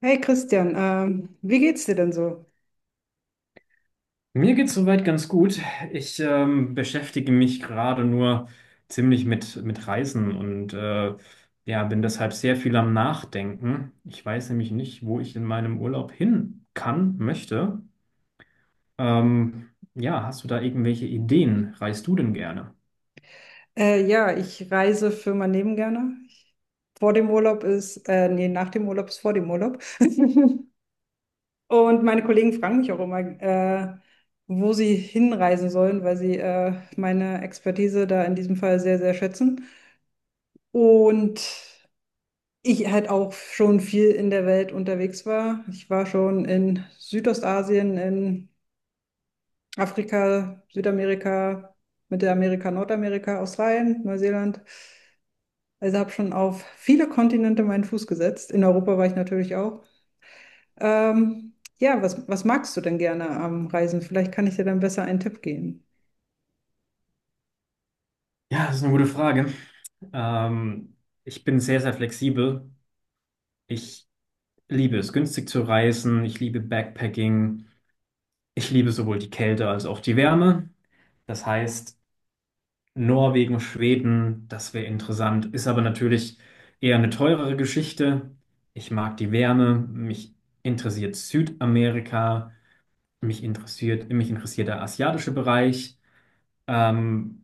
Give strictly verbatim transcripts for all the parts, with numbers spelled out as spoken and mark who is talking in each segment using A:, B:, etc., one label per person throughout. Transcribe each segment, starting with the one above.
A: Hey Christian, ähm, wie geht's dir denn so?
B: Mir geht's soweit ganz gut. Ich ähm, beschäftige mich gerade nur ziemlich mit, mit Reisen und äh, ja, bin deshalb sehr viel am Nachdenken. Ich weiß nämlich nicht, wo ich in meinem Urlaub hin kann, möchte. Ähm, ja, hast du da irgendwelche Ideen? Reist du denn gerne?
A: Äh, ja, ich reise für mein Leben gerne. Ich, vor dem Urlaub ist, äh, nee, nach dem Urlaub ist vor dem Urlaub. Und meine Kollegen fragen mich auch immer, äh, wo sie hinreisen sollen, weil sie äh, meine Expertise da in diesem Fall sehr, sehr schätzen. Und ich halt auch schon viel in der Welt unterwegs war. Ich war schon in Südostasien, in Afrika, Südamerika, Mittelamerika, Nordamerika, Australien, Neuseeland. Also habe schon auf viele Kontinente meinen Fuß gesetzt. In Europa war ich natürlich auch. Ähm, ja, was, was magst du denn gerne am Reisen? Vielleicht kann ich dir dann besser einen Tipp geben.
B: Ja, das ist eine gute Frage. Ähm, ich bin sehr, sehr flexibel. Ich liebe es, günstig zu reisen. Ich liebe Backpacking. Ich liebe sowohl die Kälte als auch die Wärme. Das heißt, Norwegen, Schweden, das wäre interessant. Ist aber natürlich eher eine teurere Geschichte. Ich mag die Wärme, mich interessiert Südamerika, mich interessiert, mich interessiert der asiatische Bereich. Ähm,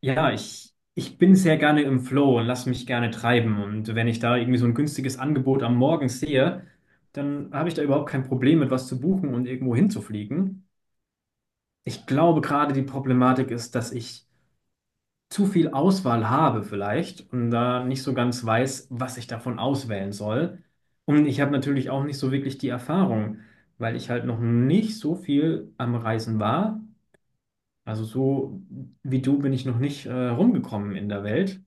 B: ja, ich, ich bin sehr gerne im Flow und lasse mich gerne treiben. Und wenn ich da irgendwie so ein günstiges Angebot am Morgen sehe, dann habe ich da überhaupt kein Problem mit was zu buchen und irgendwo hinzufliegen. Ich glaube, gerade die Problematik ist, dass ich zu viel Auswahl habe vielleicht und da nicht so ganz weiß, was ich davon auswählen soll. Und ich habe natürlich auch nicht so wirklich die Erfahrung, weil ich halt noch nicht so viel am Reisen war. Also so wie du bin ich noch nicht äh, rumgekommen in der Welt.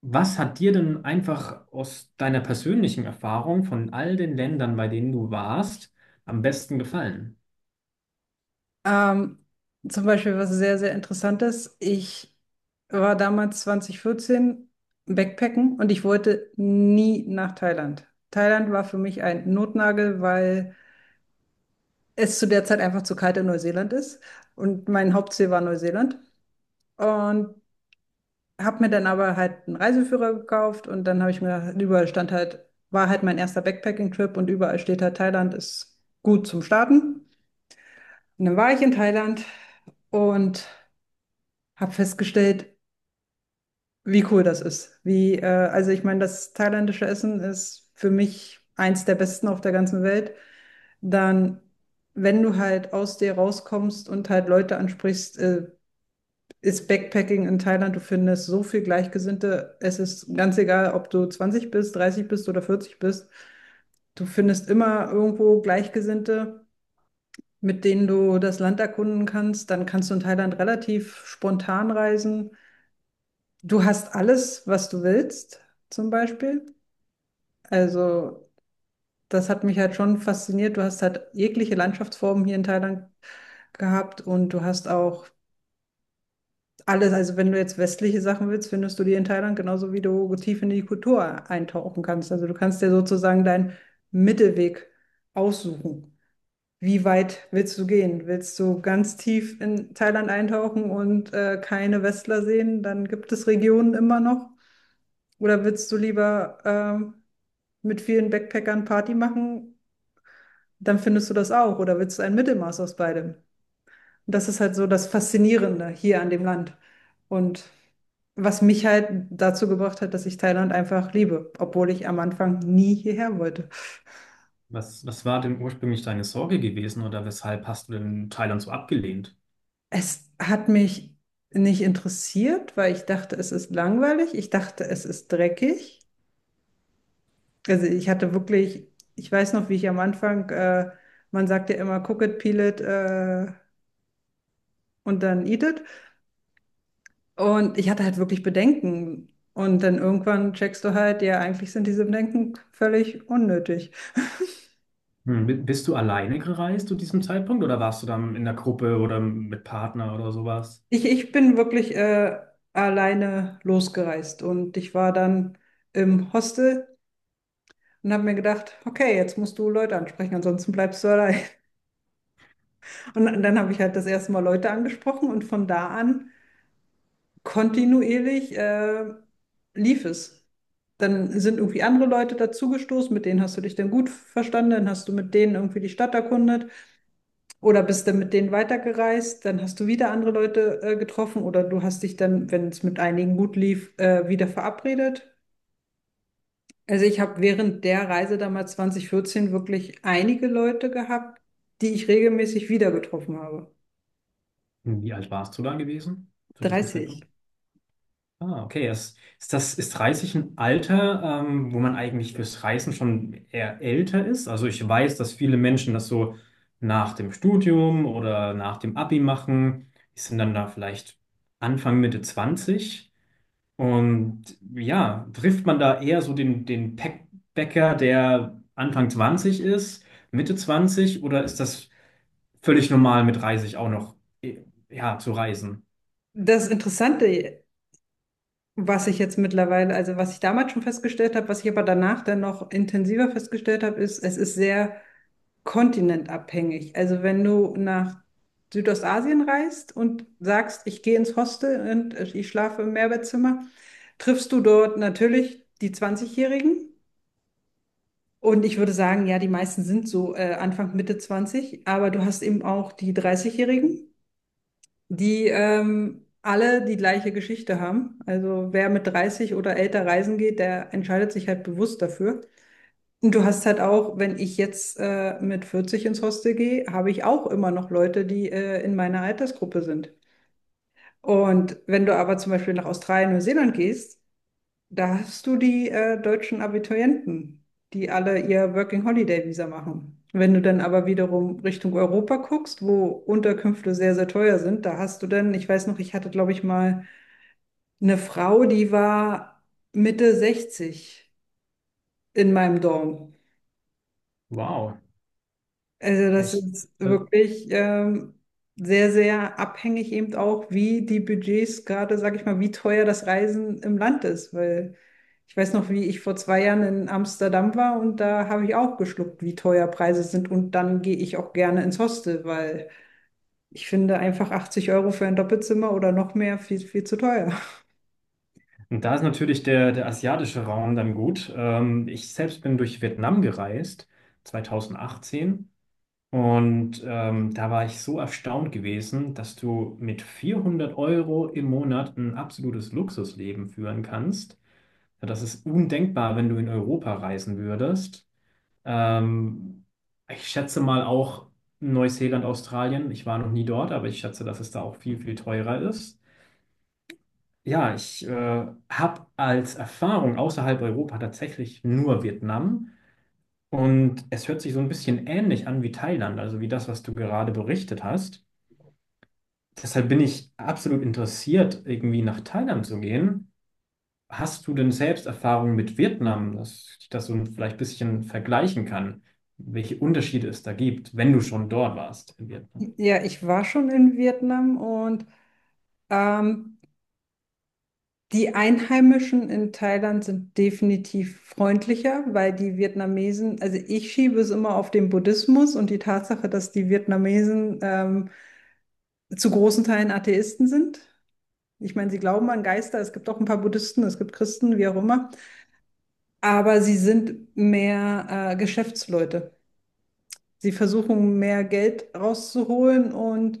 B: Was hat dir denn einfach aus deiner persönlichen Erfahrung von all den Ländern, bei denen du warst, am besten gefallen?
A: Ähm, Zum Beispiel was sehr, sehr Interessantes. Ich war damals zweitausendvierzehn Backpacken und ich wollte nie nach Thailand. Thailand war für mich ein Notnagel, weil es zu der Zeit einfach zu kalt in Neuseeland ist und mein Hauptziel war Neuseeland. Und habe mir dann aber halt einen Reiseführer gekauft und dann habe ich mir gedacht, überall stand halt, war halt mein erster Backpacking-Trip und überall steht halt, Thailand ist gut zum Starten. Und dann war ich in Thailand und habe festgestellt, wie cool das ist. Wie, äh, also ich meine, das thailändische Essen ist für mich eins der besten auf der ganzen Welt. Dann, wenn du halt aus dir rauskommst und halt Leute ansprichst, äh, ist Backpacking in Thailand, du findest so viel Gleichgesinnte. Es ist ganz egal, ob du zwanzig bist, dreißig bist oder vierzig bist. Du findest immer irgendwo Gleichgesinnte, mit denen du das Land erkunden kannst. Dann kannst du in Thailand relativ spontan reisen. Du hast alles, was du willst, zum Beispiel. Also, das hat mich halt schon fasziniert. Du hast halt jegliche Landschaftsformen hier in Thailand gehabt und du hast auch alles. Also, wenn du jetzt westliche Sachen willst, findest du die in Thailand genauso, wie du tief in die Kultur eintauchen kannst. Also, du kannst dir sozusagen deinen Mittelweg aussuchen. Wie weit willst du gehen? Willst du ganz tief in Thailand eintauchen und äh, keine Westler sehen? Dann gibt es Regionen immer noch. Oder willst du lieber ähm, mit vielen Backpackern Party machen? Dann findest du das auch. Oder willst du ein Mittelmaß aus beidem? Und das ist halt so das Faszinierende hier an dem Land. Und was mich halt dazu gebracht hat, dass ich Thailand einfach liebe, obwohl ich am Anfang nie hierher wollte.
B: Was, was war denn ursprünglich deine Sorge gewesen oder weshalb hast du denn Thailand so abgelehnt?
A: Es hat mich nicht interessiert, weil ich dachte, es ist langweilig. Ich dachte, es ist dreckig. Also ich hatte wirklich, ich weiß noch, wie ich am Anfang, äh, man sagt ja immer, cook it, peel it, äh, und dann eat it. Und ich hatte halt wirklich Bedenken. Und dann irgendwann checkst du halt, ja, eigentlich sind diese Bedenken völlig unnötig.
B: Hm, bi- Bist du alleine gereist zu diesem Zeitpunkt oder warst du dann in der Gruppe oder mit Partner oder sowas?
A: Ich, ich bin wirklich äh, alleine losgereist und ich war dann im Hostel und habe mir gedacht, okay, jetzt musst du Leute ansprechen, ansonsten bleibst du allein. Und dann habe ich halt das erste Mal Leute angesprochen und von da an kontinuierlich äh, lief es. Dann sind irgendwie andere Leute dazugestoßen, mit denen hast du dich dann gut verstanden, dann hast du mit denen irgendwie die Stadt erkundet oder bist dann mit denen weitergereist, dann hast du wieder andere Leute äh, getroffen oder du hast dich dann, wenn es mit einigen gut lief, äh, wieder verabredet. Also ich habe während der Reise damals zweitausendvierzehn wirklich einige Leute gehabt, die ich regelmäßig wieder getroffen habe.
B: Hm, wie alt warst du da gewesen zu diesem
A: dreißig.
B: Zeitpunkt? Ah, okay. Ist, ist das, ist Reisen ein Alter, ähm, wo man eigentlich fürs Reisen schon eher älter ist? Also ich weiß, dass viele Menschen das so nach dem Studium oder nach dem Abi machen. Die sind dann da vielleicht Anfang, Mitte zwanzig. Und ja, trifft man da eher so den, den Packbäcker, der Anfang zwanzig ist, Mitte zwanzig, oder ist das völlig normal mit dreißig auch noch, eh, ja, zu reisen?
A: Das Interessante Was ich jetzt mittlerweile, also was ich damals schon festgestellt habe, was ich aber danach dann noch intensiver festgestellt habe, ist, es ist sehr kontinentabhängig. Also wenn du nach Südostasien reist und sagst, ich gehe ins Hostel und ich schlafe im Mehrbettzimmer, triffst du dort natürlich die zwanzigjährigen. Jährigen Und ich würde sagen, ja, die meisten sind so äh, Anfang, Mitte zwanzig. aber du hast eben auch die dreißigjährigen. Jährigen die ähm, alle die gleiche Geschichte haben. Also wer mit dreißig oder älter reisen geht, der entscheidet sich halt bewusst dafür. Und du hast halt auch, wenn ich jetzt äh, mit vierzig ins Hostel gehe, habe ich auch immer noch Leute, die äh, in meiner Altersgruppe sind. Und wenn du aber zum Beispiel nach Australien, Neuseeland gehst, da hast du die äh, deutschen Abiturienten, die alle ihr Working Holiday Visa machen. Wenn du dann aber wiederum Richtung Europa guckst, wo Unterkünfte sehr, sehr teuer sind, da hast du dann, ich weiß noch, ich hatte, glaube ich, mal eine Frau, die war Mitte sechzig in meinem Dorf.
B: Wow.
A: Also
B: Ja,
A: das
B: Ich,
A: ist
B: äh,
A: wirklich ähm, sehr, sehr abhängig eben auch, wie die Budgets gerade, sag ich mal, wie teuer das Reisen im Land ist. Weil ich weiß noch, wie ich vor zwei Jahren in Amsterdam war und da habe ich auch geschluckt, wie teuer Preise sind. Und dann gehe ich auch gerne ins Hostel, weil ich finde einfach achtzig Euro für ein Doppelzimmer oder noch mehr viel, viel zu teuer.
B: und da ist natürlich der, der asiatische Raum dann gut. Ähm, ich selbst bin durch Vietnam gereist, zwanzig achtzehn. Und ähm, da war ich so erstaunt gewesen, dass du mit vierhundert Euro im Monat ein absolutes Luxusleben führen kannst. Ja, das ist undenkbar, wenn du in Europa reisen würdest. Ähm, ich schätze mal auch Neuseeland, Australien. Ich war noch nie dort, aber ich schätze, dass es da auch viel, viel teurer ist. Ja, ich äh, habe als Erfahrung außerhalb Europa tatsächlich nur Vietnam. Und es hört sich so ein bisschen ähnlich an wie Thailand, also wie das, was du gerade berichtet hast. Deshalb bin ich absolut interessiert, irgendwie nach Thailand zu gehen. Hast du denn selbst Erfahrungen mit Vietnam, dass ich das so ein- vielleicht ein bisschen vergleichen kann, welche Unterschiede es da gibt, wenn du schon dort warst in Vietnam?
A: Ja, ich war schon in Vietnam, und ähm, die Einheimischen in Thailand sind definitiv freundlicher, weil die Vietnamesen, also ich schiebe es immer auf den Buddhismus und die Tatsache, dass die Vietnamesen ähm, zu großen Teilen Atheisten sind. Ich meine, sie glauben an Geister, es gibt auch ein paar Buddhisten, es gibt Christen, wie auch immer, aber sie sind mehr äh, Geschäftsleute. Sie versuchen, mehr Geld rauszuholen, und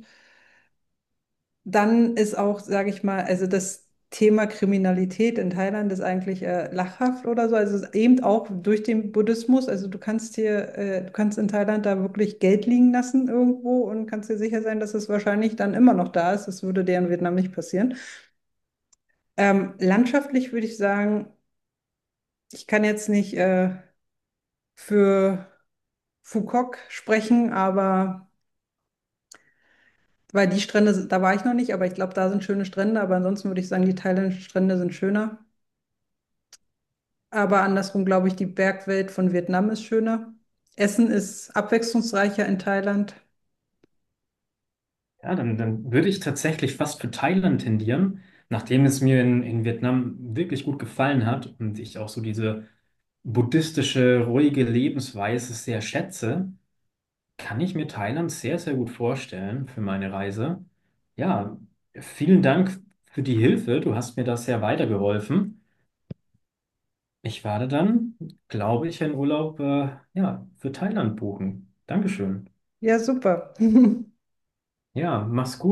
A: dann ist auch, sage ich mal, also das Thema Kriminalität in Thailand ist eigentlich äh, lachhaft oder so. Also es ist eben auch durch den Buddhismus. Also du kannst hier, äh, du kannst in Thailand da wirklich Geld liegen lassen irgendwo und kannst dir sicher sein, dass es wahrscheinlich dann immer noch da ist. Das würde dir in Vietnam nicht passieren. Ähm, landschaftlich würde ich sagen, ich kann jetzt nicht äh, für Phuket sprechen, aber weil die Strände, da war ich noch nicht, aber ich glaube, da sind schöne Strände. Aber ansonsten würde ich sagen, die thailändischen Strände sind schöner. Aber andersrum glaube ich, die Bergwelt von Vietnam ist schöner. Essen ist abwechslungsreicher in Thailand.
B: Ja, dann, dann würde ich tatsächlich fast für Thailand tendieren, nachdem es mir in, in Vietnam wirklich gut gefallen hat und ich auch so diese buddhistische, ruhige Lebensweise sehr schätze, kann ich mir Thailand sehr, sehr gut vorstellen für meine Reise. Ja, vielen Dank für die Hilfe. Du hast mir da sehr weitergeholfen. Ich werde dann, glaube ich, einen Urlaub, äh, ja, für Thailand buchen. Dankeschön.
A: Ja, super.
B: Ja, mach's gut.